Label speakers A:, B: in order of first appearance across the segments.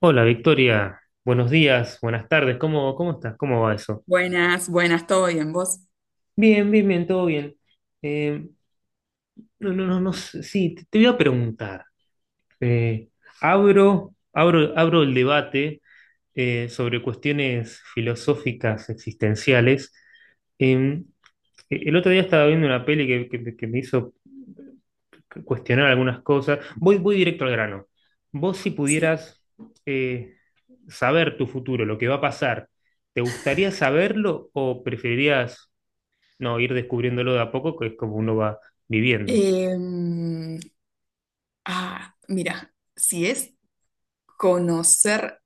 A: Hola Victoria, buenos días, buenas tardes, ¿cómo estás? ¿Cómo va eso?
B: Buenas, buenas, ¿todo bien? ¿Vos?
A: Bien, bien, bien, todo bien. Eh, no, no, no, no sé, sí, te voy a preguntar. Eh, abro el debate sobre cuestiones filosóficas existenciales. Eh, el otro día estaba viendo una peli que me hizo cuestionar algunas cosas. Voy directo al grano. Vos, si
B: Sí.
A: pudieras eh, saber tu futuro, lo que va a pasar, ¿te gustaría saberlo o preferirías no ir descubriéndolo de a poco, que es como uno va viviendo?
B: Em, ah, mira, si es conocer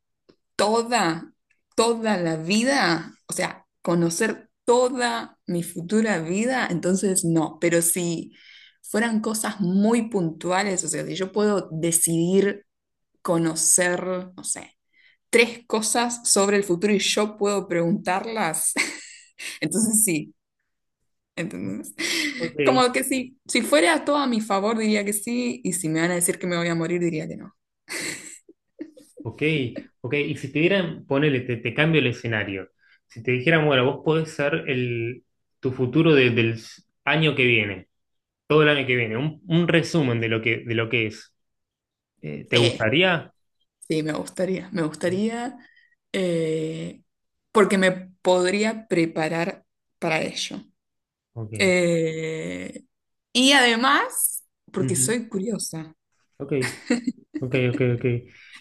B: toda, toda la vida, o sea, conocer toda mi futura vida, entonces no, pero si fueran cosas muy puntuales, o sea, si yo puedo decidir conocer, no sé, tres cosas sobre el futuro y yo puedo preguntarlas, entonces sí. ¿Entendés?
A: Ok,
B: Como que si fuera todo a mi favor, diría que sí, y si me van a decir que me voy a morir, diría que no.
A: ok, ok. Y si te dieran, ponele, te cambio el escenario. Si te dijeran, bueno, vos podés ser tu futuro del año que viene, todo el año que viene, un resumen de lo que es, ¿te
B: Sí,
A: gustaría?
B: sí, me
A: Sí.
B: gustaría, eh, porque me podría preparar para ello.
A: Ok.
B: Eh, y además, porque
A: Ujú.
B: soy curiosa.
A: Ok. Ok, ok, ok.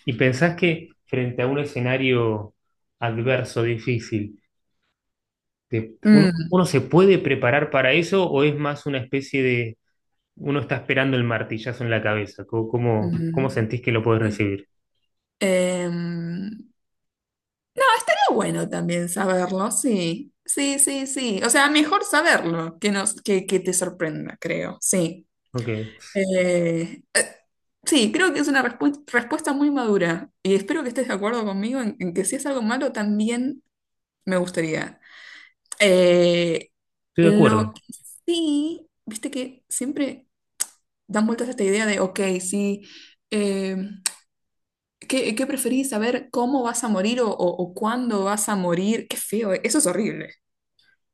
A: ¿Y pensás que frente a un escenario adverso, difícil, uno,
B: Mm,
A: uno se puede preparar para eso o es más una especie de uno está esperando el martillazo en la cabeza? ¿Cómo
B: mm,
A: sentís que lo podés
B: sí.
A: recibir?
B: Em, pero bueno también saberlo, sí, sí, sí, sí. O sea, mejor saberlo que te sorprenda, creo, sí.
A: Ok, estoy
B: Eh, eh, sí, creo que es una respuesta muy madura y espero que estés de acuerdo conmigo en que si es algo malo también me gustaría. Eh,
A: de
B: lo
A: acuerdo.
B: que sí, viste que siempre dan vueltas a esta idea de, ok, sí, eh, ¿qué preferís? ¿Saber cómo vas a morir o cuándo vas a morir? Qué feo, eso es horrible,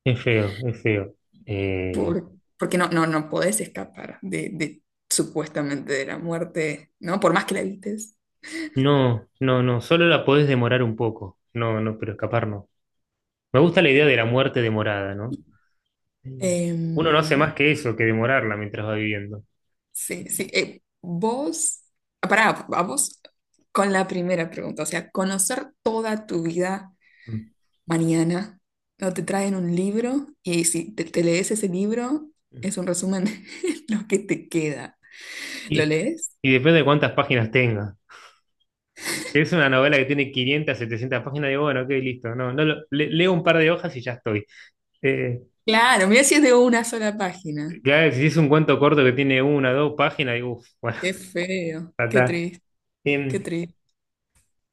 A: Es feo, es feo. Eh,
B: por- porque no, no, no podés escapar de supuestamente de la muerte, ¿no? Por más que la evites.
A: no, no, no, solo la podés demorar un poco. No, no, pero escapar no. Me gusta la idea de la muerte demorada, ¿no? Uno no hace más
B: Em,
A: que eso, que demorarla mientras va viviendo.
B: Sí, sí. Vos, pará, vamos con la primera pregunta. O sea, conocer toda tu vida
A: Mm.
B: mañana. No te traen un libro y si te lees ese libro, es un resumen de lo que te queda. ¿Lo
A: Y,
B: lees?
A: y depende de cuántas páginas tenga. Es una novela que tiene 500 700 páginas, digo, bueno, ok, listo. No, no leo un par de hojas y ya estoy. Eh,
B: Claro, mira si es de una sola página.
A: ya si es un cuento corto que tiene una, dos páginas, digo, uff, bueno,
B: Qué feo,
A: ya
B: qué
A: está.
B: triste, qué
A: Em,
B: triste.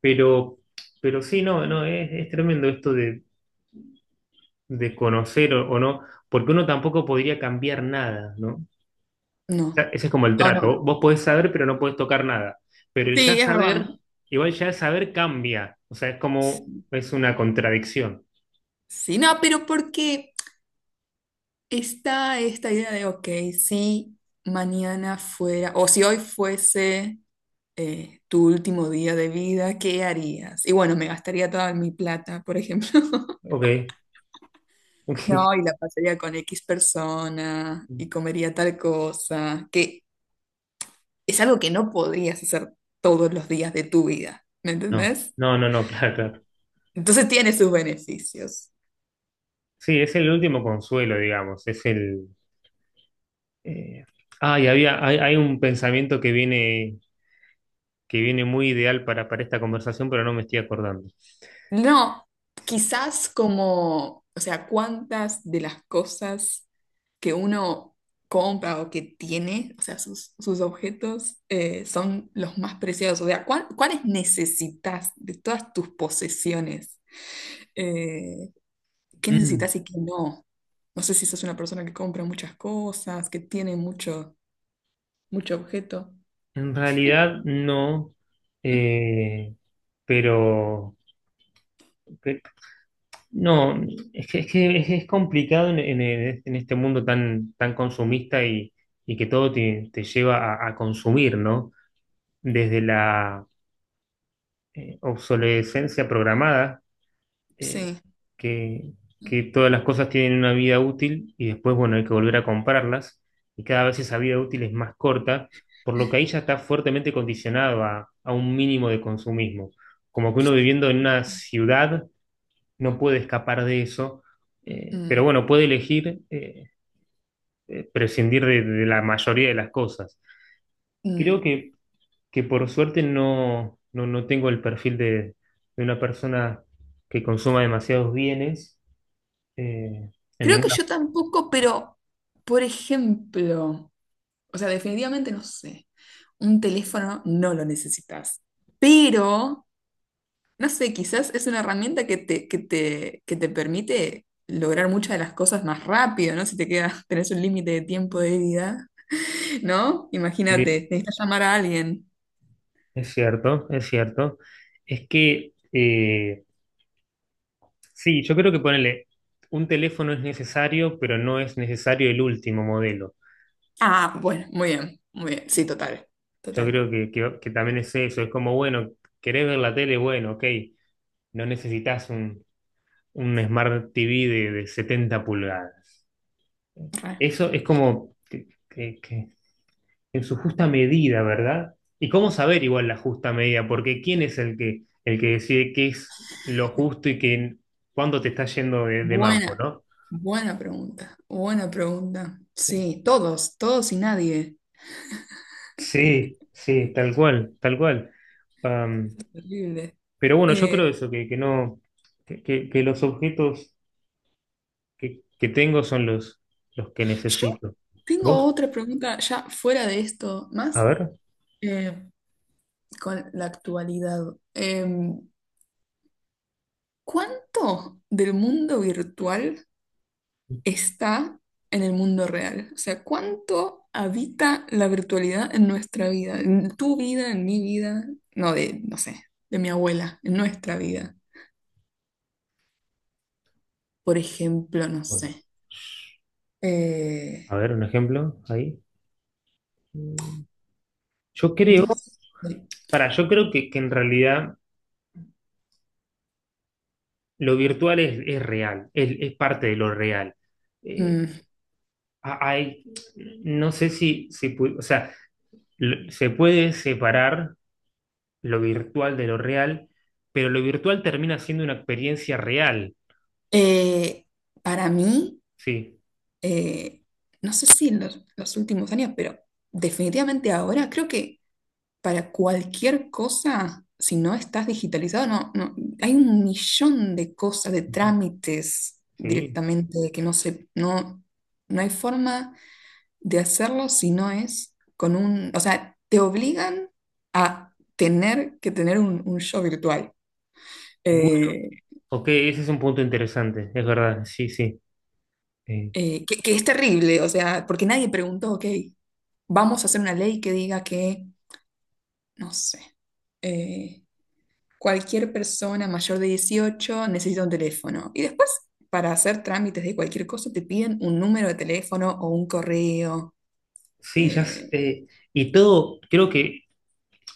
A: pero, pero sí, no, no, es tremendo esto de conocer o no, porque uno tampoco podría cambiar nada, ¿no? O sea,
B: No,
A: ese es como el
B: no,
A: trato.
B: no.
A: Vos podés saber, pero no podés tocar nada. Pero el ya
B: Sí, es
A: saber,
B: verdad.
A: igual ya saber cambia. O sea, es como, es una contradicción.
B: Sí, no, pero ¿por qué? Está esta idea de, ok, si mañana fuera, o si hoy fuese tu último día de vida, ¿qué harías? Y bueno, me gastaría toda mi plata, por ejemplo.
A: Ok, ok.
B: No, y la pasaría con X persona y comería tal cosa, que es algo que no podrías hacer todos los días de tu vida, ¿me
A: No,
B: entendés?
A: no, no, no, claro, claro.
B: Entonces tiene sus beneficios.
A: Sí, es el último consuelo, digamos. Es el. Eh, Ah, y hay un pensamiento que viene muy ideal para esta conversación, pero no me estoy acordando.
B: No, quizás como, o sea, cuántas de las cosas que uno compra o que tiene, o sea, sus objetos, son los más preciados. O sea, ¿cuáles necesitas de todas tus posesiones? Eh, ¿qué
A: Mm,
B: necesitas y qué no? No sé si sos una persona que compra muchas cosas, que tiene mucho, mucho objeto.
A: en realidad, no. eh, pero, pe- no, es que es complicado en este mundo tan consumista y que todo te lleva a consumir, ¿no? Desde la obsolescencia programada, eh,
B: Sí.
A: que, que todas las cosas tienen una vida útil y después, bueno, hay que volver a comprarlas y cada vez esa vida útil es más corta, por lo que ahí ya está fuertemente condicionado a un mínimo de consumismo. Como que uno viviendo en una ciudad no puede escapar de eso,
B: Mm,
A: pero bueno, puede elegir prescindir de la mayoría de las cosas.
B: mm.
A: Creo que por suerte no, no, no tengo el perfil de una persona que consuma demasiados bienes, eh, en
B: Creo que
A: ninguna.
B: yo tampoco, pero, por ejemplo. O sea, definitivamente no sé. Un teléfono no lo necesitas. Pero, no sé, quizás es una herramienta que te permite lograr muchas de las cosas más rápido, ¿no? Si te quedas, tenés un límite de tiempo de vida, ¿no? Imagínate,
A: Sí,
B: necesitas llamar a alguien.
A: es cierto, es cierto. Es que, sí, yo creo que ponerle un teléfono es necesario, pero no es necesario el último modelo.
B: Ah, bueno, muy bien, muy bien. Sí, total,
A: Yo
B: total.
A: creo que también es eso, es como, bueno, querés ver la tele, bueno, ok, no necesitas un Smart TV de 70 pulgadas.
B: Re.
A: Eso es como que, en su justa medida, ¿verdad? ¿Y cómo saber igual la justa medida? Porque ¿quién es el que decide qué es lo justo y cuándo te está yendo de mambo,
B: Buena,
A: ¿no?
B: buena pregunta, buena pregunta. Sí, todos, todos y nadie.
A: Sí, sí, tal cual, tal cual. Am,
B: Eso es terrible.
A: pero bueno, yo
B: Eh,
A: creo eso, que no, que los objetos que tengo son los que
B: Yo
A: necesito.
B: tengo
A: ¿Vos?
B: otra pregunta ya fuera de esto,
A: A
B: más
A: ver,
B: eh, con la actualidad. ¿Cuánto del mundo virtual está en el mundo real? O sea, ¿cuánto habita la virtualidad en nuestra vida? En tu vida, en mi vida, no de, no sé, de mi abuela, en nuestra vida. Por ejemplo, no
A: bueno,
B: sé.
A: a
B: eh,
A: ver, un ejemplo ahí. Mm, Yo creo,
B: no sé.
A: yo creo que en realidad lo virtual es real, es parte de lo real. Eh,
B: Mm,
A: ha- hay, no sé si o sea, se puede separar lo virtual de lo real, pero lo virtual termina siendo una experiencia real.
B: eh, para mí...
A: Sí.
B: eh, no sé si en los últimos años, pero definitivamente ahora creo que para cualquier cosa, si no estás digitalizado, no, no, hay un millón de cosas, de
A: Ujú.
B: trámites
A: Sí.
B: directamente que no se, no, no hay forma de hacerlo si no es con un, o sea, te obligan a tener que tener un show virtual.
A: Bu-
B: Eh,
A: Ok, ese es un punto interesante, es verdad, sí, sí. Eh,
B: que es terrible, o sea, porque nadie preguntó, ok, vamos a hacer una ley que diga que no sé, eh, cualquier persona mayor de 18 necesita un teléfono. Y después, para hacer trámites de cualquier cosa, te piden un número de teléfono o un correo,
A: sí, ya.
B: eh,
A: Y todo, creo que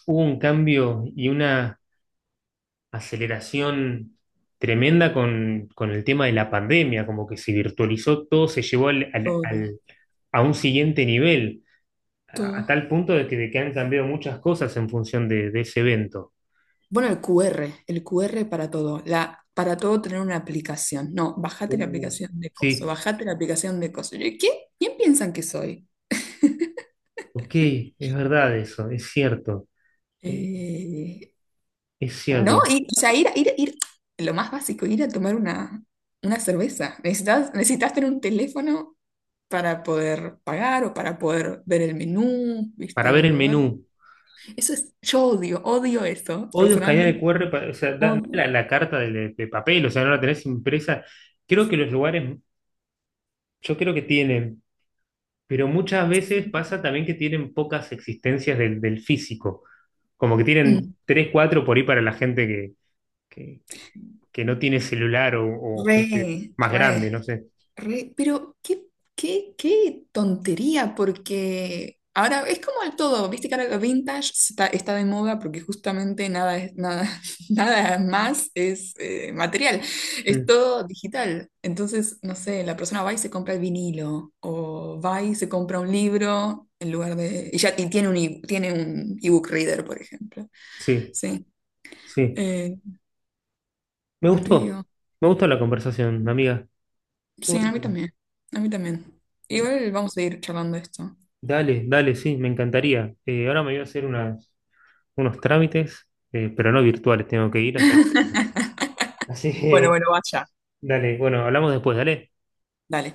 A: hubo un cambio y una aceleración tremenda con el tema de la pandemia, como que se virtualizó todo, se llevó
B: todo,
A: a un siguiente nivel, a
B: todo.
A: tal punto de que han cambiado muchas cosas en función de ese evento.
B: Bueno, el QR, el QR para todo. Para todo tener una aplicación. No, bájate la
A: Uh,
B: aplicación de coso,
A: sí,
B: bájate la aplicación de coso. Yo, ¿qué? ¿Quién piensan que soy?
A: ok, es verdad eso, es cierto, eh,
B: Eh,
A: es
B: No,
A: cierto.
B: y, o sea, ir, lo más básico, ir a tomar una cerveza. Necesitas tener un teléfono para poder pagar o para poder ver el menú, viste,
A: Para
B: en
A: ver
B: un
A: el
B: lugar.
A: menú.
B: Eso es, yo odio, odio eso,
A: Odio escanear el
B: personalmente.
A: QR, o sea, da-
B: Odio.
A: la, la carta de papel, o sea, no la tenés impresa. Creo que los lugares, yo creo que tienen. Pero muchas veces pasa también que tienen pocas existencias del físico, como que tienen
B: Mm.
A: tres, cuatro por ahí para la gente que, que- que no tiene celular o gente
B: Re,
A: más grande,
B: re.
A: no sé.
B: Pero qué tontería, porque ahora es como el todo, viste que ahora lo vintage está de moda porque justamente nada es, nada, nada más es material, es
A: Mm,
B: todo digital. Entonces, no sé, la persona va y se compra el vinilo, o va y se compra un libro en lugar de. Y ya y tiene tiene un ebook reader, por ejemplo.
A: sí,
B: Sí.
A: sí.
B: Eh,
A: Me gustó,
B: medio.
A: me gustó la conversación, amiga.
B: Sí,
A: Estuvo
B: a mí
A: bien.
B: también. A mí también. Igual vamos a ir charlando esto.
A: Dale, dale, sí, me encantaría. Ahora me voy a hacer unos trámites, pero no virtuales, tengo que ir, así. Así
B: Bueno,
A: que,
B: bueno, vaya.
A: dale, bueno, hablamos después, dale.
B: Dale.